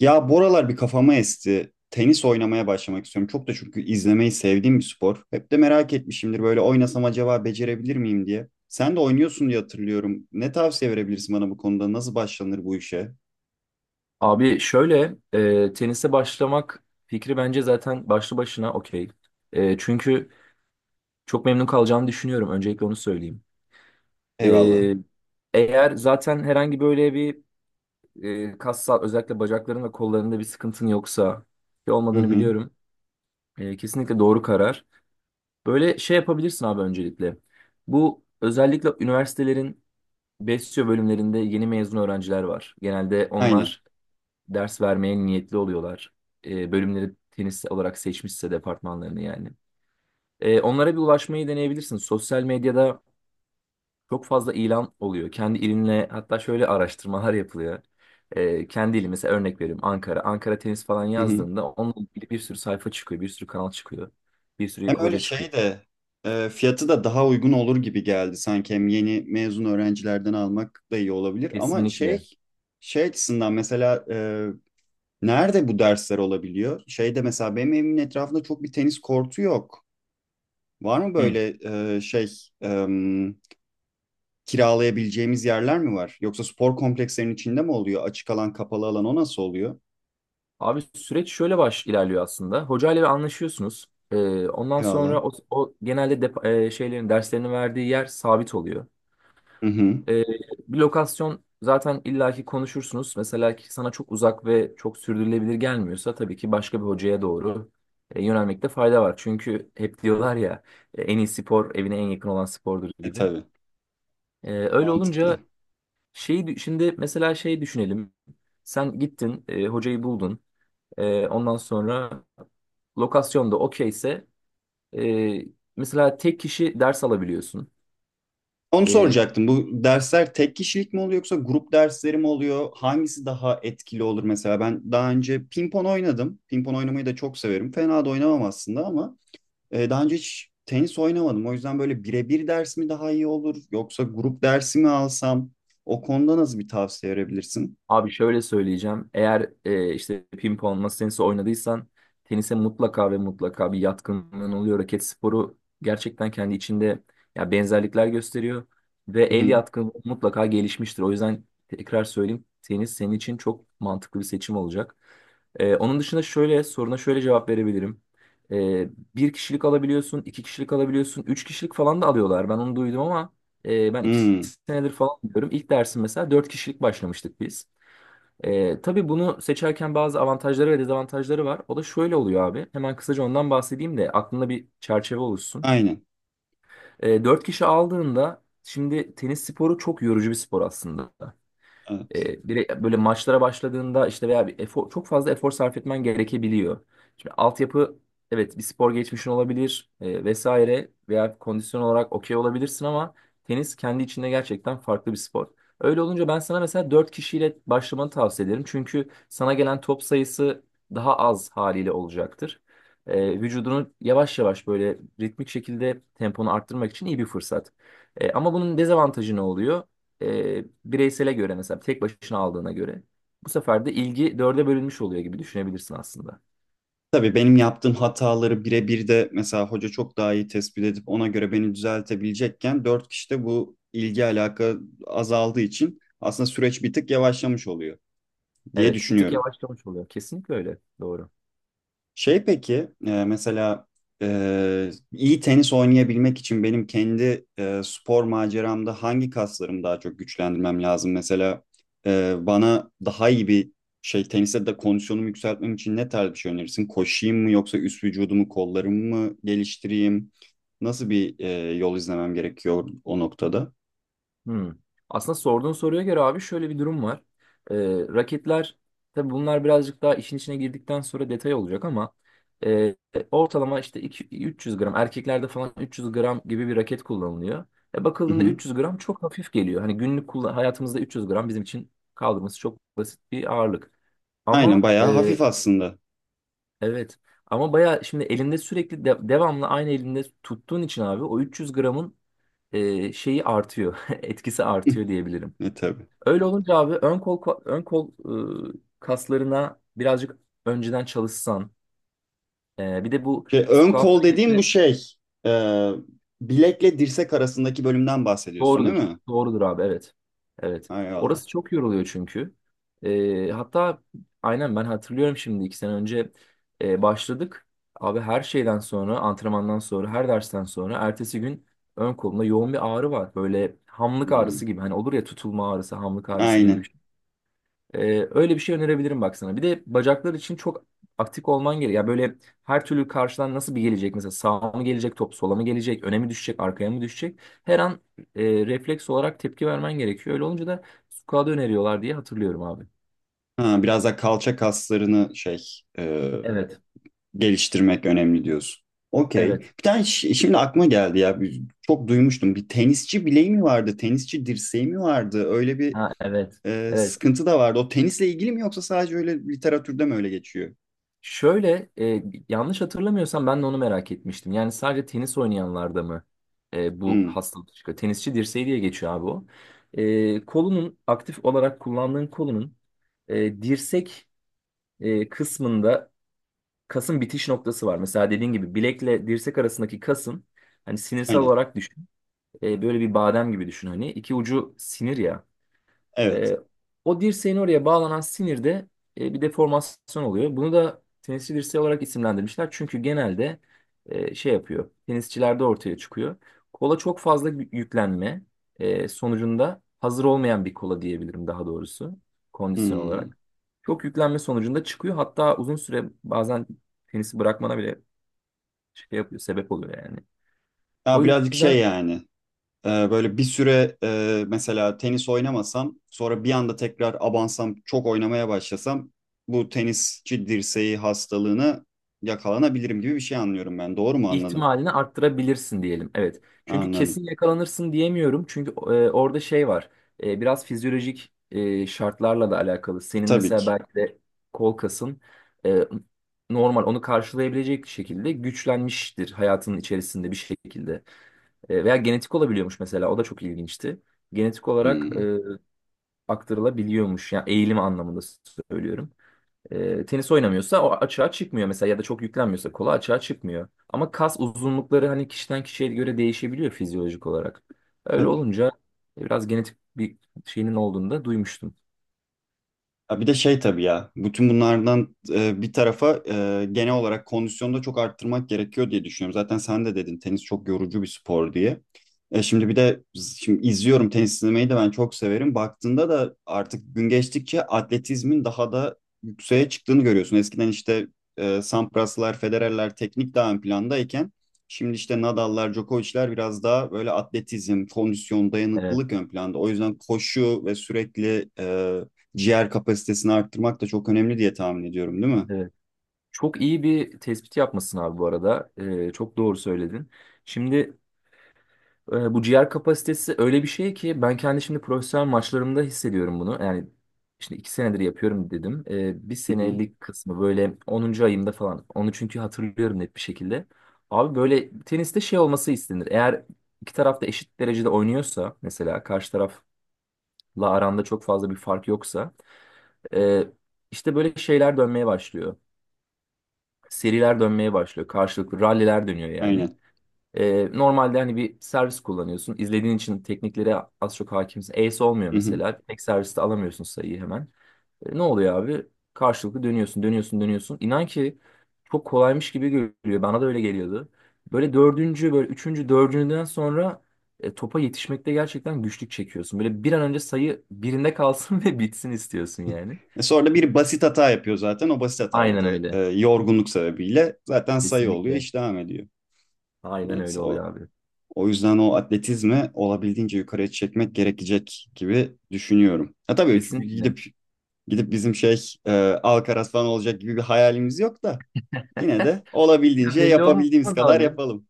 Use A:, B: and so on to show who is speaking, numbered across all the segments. A: Ya bu aralar bir kafama esti. Tenis oynamaya başlamak istiyorum. Çok da çünkü izlemeyi sevdiğim bir spor. Hep de merak etmişimdir böyle oynasam acaba becerebilir miyim diye. Sen de oynuyorsun diye hatırlıyorum. Ne tavsiye verebilirsin bana bu konuda? Nasıl başlanır bu işe?
B: Abi şöyle tenise başlamak fikri bence zaten başlı başına okey. Çünkü çok memnun kalacağını düşünüyorum. Öncelikle onu söyleyeyim. E,
A: Eyvallah.
B: eğer zaten herhangi böyle bir kas sağ özellikle bacakların ve kollarında bir sıkıntın yoksa ki
A: Hı
B: olmadığını
A: hı.
B: biliyorum. Kesinlikle doğru karar. Böyle şey yapabilirsin abi öncelikle. Bu özellikle üniversitelerin besyo bölümlerinde yeni mezun öğrenciler var. Genelde
A: Aynen.
B: onlar ders vermeye niyetli oluyorlar. Bölümleri tenis olarak seçmişse departmanlarını yani. Onlara bir ulaşmayı deneyebilirsin. Sosyal medyada çok fazla ilan oluyor. Kendi ilinle hatta şöyle araştırmalar yapılıyor. Kendi ili mesela örnek veriyorum Ankara. Ankara tenis falan
A: Hı hı.
B: yazdığında onunla ilgili bir sürü sayfa çıkıyor, bir sürü kanal çıkıyor, bir sürü
A: Hem öyle
B: hoca çıkıyor.
A: şey de fiyatı da daha uygun olur gibi geldi sanki. Hem yeni mezun öğrencilerden almak da iyi olabilir. Ama
B: Kesinlikle.
A: şey şey açısından mesela nerede bu dersler olabiliyor? Şeyde mesela benim evimin etrafında çok bir tenis kortu yok. Var mı
B: Hı.
A: böyle e, şey e, kiralayabileceğimiz yerler mi var? Yoksa spor komplekslerinin içinde mi oluyor? Açık alan, kapalı alan o nasıl oluyor?
B: Abi süreç şöyle baş ilerliyor aslında. Hocayla bir anlaşıyorsunuz. Ondan
A: Eyvallah.
B: sonra o genelde şeylerin derslerini verdiği yer sabit oluyor.
A: Hı hı.
B: Ee, bir lokasyon zaten illaki konuşursunuz. Mesela ki sana çok uzak ve çok sürdürülebilir gelmiyorsa tabii ki başka bir hocaya doğru yönelmekte fayda var. Çünkü hep diyorlar ya, en iyi spor evine en yakın olan spordur
A: E
B: gibi.
A: tabii.
B: Öyle
A: Mantıklı.
B: olunca şeyi şimdi mesela şey düşünelim. Sen gittin, hocayı buldun. Ondan sonra lokasyonda okeyse e, mesela tek kişi ders alabiliyorsun.
A: Onu soracaktım. Bu dersler tek kişilik mi oluyor yoksa grup dersleri mi oluyor? Hangisi daha etkili olur mesela? Ben daha önce pimpon oynadım. Pimpon oynamayı da çok severim. Fena da oynamam aslında ama daha önce hiç tenis oynamadım. O yüzden böyle birebir ders mi daha iyi olur yoksa grup dersi mi alsam? O konuda nasıl bir tavsiye verebilirsin?
B: Abi şöyle söyleyeceğim. Eğer işte pimpon, masa tenisi oynadıysan tenise mutlaka ve mutlaka bir yatkınlığın oluyor. Raket sporu gerçekten kendi içinde ya benzerlikler gösteriyor ve
A: Hı
B: el
A: hı.
B: yatkınlığı mutlaka gelişmiştir. O yüzden tekrar söyleyeyim tenis senin için çok mantıklı bir seçim olacak. Onun dışında şöyle soruna şöyle cevap verebilirim. E, bir kişilik alabiliyorsun, iki kişilik alabiliyorsun, üç kişilik falan da alıyorlar. Ben onu duydum ama ben iki
A: Hmm,
B: senedir falan diyorum. İlk dersim mesela dört kişilik başlamıştık biz. Tabii bunu seçerken bazı avantajları ve dezavantajları var. O da şöyle oluyor abi. Hemen kısaca ondan bahsedeyim de aklında bir çerçeve oluşsun.
A: aynen.
B: 4 kişi aldığında şimdi tenis sporu çok yorucu bir spor aslında.
A: Evet.
B: Direkt böyle maçlara başladığında işte veya bir efor, çok fazla efor sarf etmen gerekebiliyor. Şimdi altyapı evet bir spor geçmişin olabilir, vesaire veya kondisyon olarak okey olabilirsin ama tenis kendi içinde gerçekten farklı bir spor. Öyle olunca ben sana mesela 4 kişiyle başlamanı tavsiye ederim. Çünkü sana gelen top sayısı daha az haliyle olacaktır. Vücudunu yavaş yavaş böyle ritmik şekilde temponu arttırmak için iyi bir fırsat. Ama bunun dezavantajı ne oluyor? Bireysele göre mesela tek başına aldığına göre bu sefer de ilgi dörde bölünmüş oluyor gibi düşünebilirsin aslında.
A: Tabii benim yaptığım hataları birebir de mesela hoca çok daha iyi tespit edip ona göre beni düzeltebilecekken dört kişide bu ilgi alaka azaldığı için aslında süreç bir tık yavaşlamış oluyor diye
B: Evet, bir tık
A: düşünüyorum.
B: yavaşlamış oluyor. Kesinlikle öyle. Doğru.
A: Şey peki mesela iyi tenis oynayabilmek için benim kendi spor maceramda hangi kaslarımı daha çok güçlendirmem lazım? Mesela bana daha iyi bir şey teniste de kondisyonumu yükseltmem için ne tarz bir şey önerirsin? Koşayım mı yoksa üst vücudumu kollarımı mı geliştireyim? Nasıl bir yol izlemem gerekiyor o noktada?
B: Hmm. Aslında sorduğun soruya göre abi şöyle bir durum var. Ee, raketler tabii bunlar birazcık daha işin içine girdikten sonra detay olacak ama e, ortalama işte 300 gram erkeklerde falan 300 gram gibi bir raket kullanılıyor. E,
A: Hı
B: bakıldığında
A: hı.
B: 300 gram çok hafif geliyor. Hani günlük kullan hayatımızda 300 gram bizim için kaldırması çok basit bir ağırlık.
A: Aynen
B: Ama
A: bayağı hafif aslında.
B: evet ama baya şimdi elinde sürekli devamlı aynı elinde tuttuğun için abi o 300 gramın şeyi artıyor etkisi artıyor diyebilirim.
A: E, tabii.
B: Öyle olunca abi ön kol kaslarına birazcık önceden çalışsan. Bir de bu
A: Şey, ön
B: squat
A: kol dediğim bu
B: hareketi
A: şey. e, Bilekle dirsek arasındaki bölümden bahsediyorsun değil
B: doğrudur.
A: mi?
B: Doğrudur abi evet. Evet.
A: Hay Allah.
B: Orası çok yoruluyor çünkü. Hatta aynen ben hatırlıyorum şimdi iki sene önce başladık. Abi her şeyden sonra antrenmandan sonra her dersten sonra ertesi gün ön kolumda yoğun bir ağrı var. Böyle hamlık ağrısı
A: Hmm,
B: gibi. Hani olur ya tutulma ağrısı, hamlık ağrısı gibi bir
A: aynen.
B: şey. Öyle bir şey önerebilirim bak sana. Bir de bacaklar için çok aktif olman gerekiyor. Ya böyle her türlü karşıdan nasıl bir gelecek? Mesela sağa mı gelecek top, sola mı gelecek, öne mi düşecek, arkaya mı düşecek? Her an refleks olarak tepki vermen gerekiyor. Öyle olunca da squat'ı öneriyorlar diye hatırlıyorum abi.
A: Ha, biraz da kalça kaslarını şey e,
B: Evet,
A: geliştirmek önemli diyorsun. Okey.
B: evet.
A: Bir tane şimdi aklıma geldi ya. Çok duymuştum. Bir tenisçi bileği mi vardı? Tenisçi dirseği mi vardı? Öyle bir
B: Ha evet. Evet.
A: sıkıntı da vardı. O tenisle ilgili mi yoksa sadece öyle literatürde mi öyle geçiyor?
B: Şöyle, yanlış hatırlamıyorsam ben de onu merak etmiştim. Yani sadece tenis oynayanlarda mı bu
A: Hmm,
B: hastalık çıkıyor? Tenisçi dirseği diye geçiyor abi o. Kolunun aktif olarak kullandığın kolunun dirsek kısmında kasın bitiş noktası var. Mesela dediğin gibi bilekle dirsek arasındaki kasın hani sinirsel
A: aynen.
B: olarak düşün. Böyle bir badem gibi düşün hani. İki ucu sinir ya.
A: Evet.
B: E, o dirseğin oraya bağlanan sinirde bir deformasyon oluyor. Bunu da tenisçi dirseği olarak isimlendirmişler. Çünkü genelde şey yapıyor. Tenisçilerde ortaya çıkıyor. Kola çok fazla yüklenme sonucunda hazır olmayan bir kola diyebilirim daha doğrusu kondisyon
A: Hmm.
B: olarak. Çok yüklenme sonucunda çıkıyor. Hatta uzun süre bazen tenisi bırakmana bile şey yapıyor, sebep oluyor yani. O
A: Ya birazcık şey
B: yüzden
A: yani. Böyle bir süre mesela tenis oynamasam sonra bir anda tekrar abansam çok oynamaya başlasam bu tenisçi dirseği hastalığını yakalanabilirim gibi bir şey anlıyorum ben. Doğru mu anladım?
B: ihtimalini arttırabilirsin diyelim. Evet. Çünkü
A: Anladım.
B: kesin yakalanırsın diyemiyorum. Çünkü orada şey var. Biraz fizyolojik şartlarla da alakalı. Senin
A: Tabii
B: mesela
A: ki.
B: belki de kol kasın e, normal onu karşılayabilecek şekilde güçlenmiştir hayatının içerisinde bir şekilde. Veya genetik olabiliyormuş mesela. O da çok ilginçti. Genetik olarak
A: Hmm.
B: aktarılabiliyormuş. Yani eğilim anlamında söylüyorum, tenis oynamıyorsa o açığa çıkmıyor mesela ya da çok yüklenmiyorsa kola açığa çıkmıyor. Ama kas uzunlukları hani kişiden kişiye göre değişebiliyor fizyolojik olarak. Öyle
A: Tabii.
B: olunca biraz genetik bir şeyinin olduğunu da duymuştum.
A: Ya bir de şey tabii ya, bütün bunlardan bir tarafa genel olarak kondisyonu da çok arttırmak gerekiyor diye düşünüyorum. Zaten sen de dedin tenis çok yorucu bir spor diye. E, şimdi bir de şimdi izliyorum, tenis izlemeyi de ben çok severim. Baktığında da artık gün geçtikçe atletizmin daha da yükseğe çıktığını görüyorsun. Eskiden işte Sampraslar, Federerler teknik daha ön plandayken şimdi işte Nadal'lar, Djokovic'ler biraz daha böyle atletizm, kondisyon,
B: Evet,
A: dayanıklılık ön planda. O yüzden koşu ve sürekli ciğer kapasitesini arttırmak da çok önemli diye tahmin ediyorum, değil mi?
B: evet. Çok iyi bir tespit yapmışsın abi bu arada. Çok doğru söyledin. Şimdi bu ciğer kapasitesi öyle bir şey ki ben kendi şimdi profesyonel maçlarımda hissediyorum bunu. Yani şimdi iki senedir yapıyorum dedim. Bir
A: Hı hı,
B: senelik kısmı böyle onuncu ayımda falan. Onu çünkü hatırlıyorum net bir şekilde. Abi böyle teniste şey olması istenir. Eğer iki taraf da eşit derecede oynuyorsa mesela karşı tarafla aranda çok fazla bir fark yoksa e, işte böyle şeyler dönmeye başlıyor. Seriler dönmeye başlıyor. Karşılıklı ralliler dönüyor yani.
A: aynen.
B: Normalde hani bir servis kullanıyorsun. İzlediğin için tekniklere az çok hakimsin. Ace olmuyor
A: Hı hı.
B: mesela. Tek serviste alamıyorsun sayıyı hemen. Ne oluyor abi? Karşılıklı dönüyorsun, dönüyorsun, dönüyorsun. İnan ki çok kolaymış gibi görünüyor. Bana da öyle geliyordu. Böyle dördüncü, böyle üçüncü, dördüncüden sonra topa yetişmekte gerçekten güçlük çekiyorsun. Böyle bir an önce sayı birinde kalsın ve bitsin istiyorsun yani.
A: E sonra da bir basit hata yapıyor zaten. O basit hatayla
B: Aynen
A: da
B: öyle.
A: yorgunluk sebebiyle zaten sayı oluyor,
B: Kesinlikle.
A: iş devam ediyor.
B: Aynen
A: Evet,
B: öyle oluyor
A: o
B: abi.
A: o yüzden o atletizmi olabildiğince yukarıya çekmek gerekecek gibi düşünüyorum. Ha tabii
B: Kesinlikle.
A: gidip gidip bizim şey Alcaraz falan olacak gibi bir hayalimiz yok da yine de
B: Ya
A: olabildiğince
B: belli olmaz
A: yapabildiğimiz kadar
B: abi.
A: yapalım.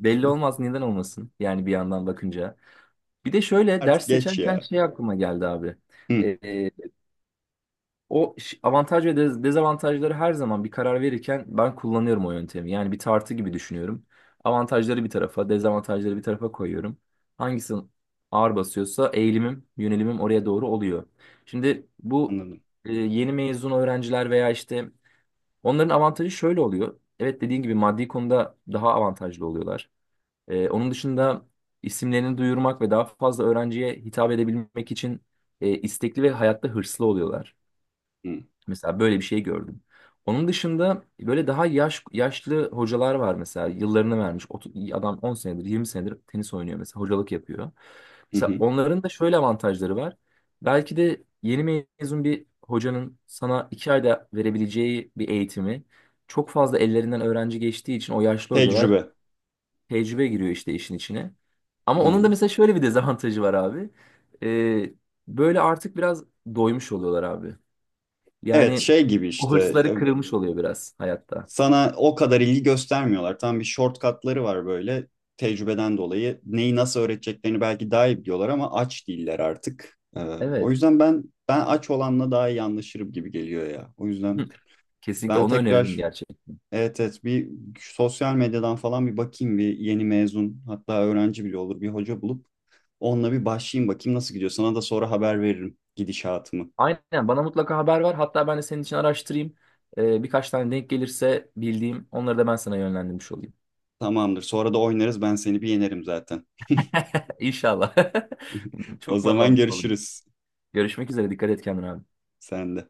B: Belli olmaz neden olmasın yani bir yandan bakınca. Bir de şöyle
A: Artık
B: ders
A: geç
B: seçerken
A: ya.
B: şey aklıma geldi abi.
A: Hı,
B: Ee, o avantaj ve dezavantajları her zaman bir karar verirken ben kullanıyorum o yöntemi. Yani bir tartı gibi düşünüyorum. Avantajları bir tarafa, dezavantajları bir tarafa koyuyorum. Hangisi ağır basıyorsa eğilimim, yönelimim oraya doğru oluyor. Şimdi bu
A: anladım.
B: yeni mezun öğrenciler veya işte onların avantajı şöyle oluyor. Evet dediğin gibi maddi konuda daha avantajlı oluyorlar. Onun dışında isimlerini duyurmak ve daha fazla öğrenciye hitap edebilmek için istekli ve hayatta hırslı oluyorlar.
A: Hı,
B: Mesela böyle bir şey gördüm. Onun dışında böyle daha yaşlı hocalar var mesela yıllarını vermiş. Adam 10 senedir 20 senedir tenis oynuyor mesela hocalık yapıyor.
A: hı,
B: Mesela
A: hı.
B: onların da şöyle avantajları var. Belki de yeni mezun bir hocanın sana 2 ayda verebileceği bir eğitimi çok fazla ellerinden öğrenci geçtiği için o yaşlı hocalar
A: Tecrübe.
B: tecrübe giriyor işte işin içine. Ama onun da
A: Aynen.
B: mesela şöyle bir dezavantajı var abi. Ee, böyle artık biraz doymuş oluyorlar abi.
A: Evet
B: Yani
A: şey gibi
B: o
A: işte e,
B: hırsları kırılmış oluyor biraz hayatta.
A: sana o kadar ilgi göstermiyorlar. Tam bir shortcutları var böyle tecrübeden dolayı. Neyi nasıl öğreteceklerini belki daha iyi biliyorlar ama aç değiller artık. O
B: Evet.
A: yüzden ben aç olanla daha iyi anlaşırım gibi geliyor ya. O
B: Hı,
A: yüzden
B: kesinlikle
A: ben
B: onu öneririm
A: tekrar,
B: gerçekten.
A: evet evet, bir sosyal medyadan falan bir bakayım, bir yeni mezun hatta öğrenci bile olur bir hoca bulup onunla bir başlayayım, bakayım nasıl gidiyor. Sana da sonra haber veririm gidişatımı.
B: Aynen bana mutlaka haber ver. Hatta ben de senin için araştırayım. Birkaç tane denk gelirse bildiğim onları da ben sana yönlendirmiş olayım.
A: Tamamdır. Sonra da oynarız, ben seni bir yenerim zaten.
B: İnşallah.
A: O
B: Çok mutlu
A: zaman
B: oldum.
A: görüşürüz.
B: Görüşmek üzere. Dikkat et kendine abi.
A: Sen de.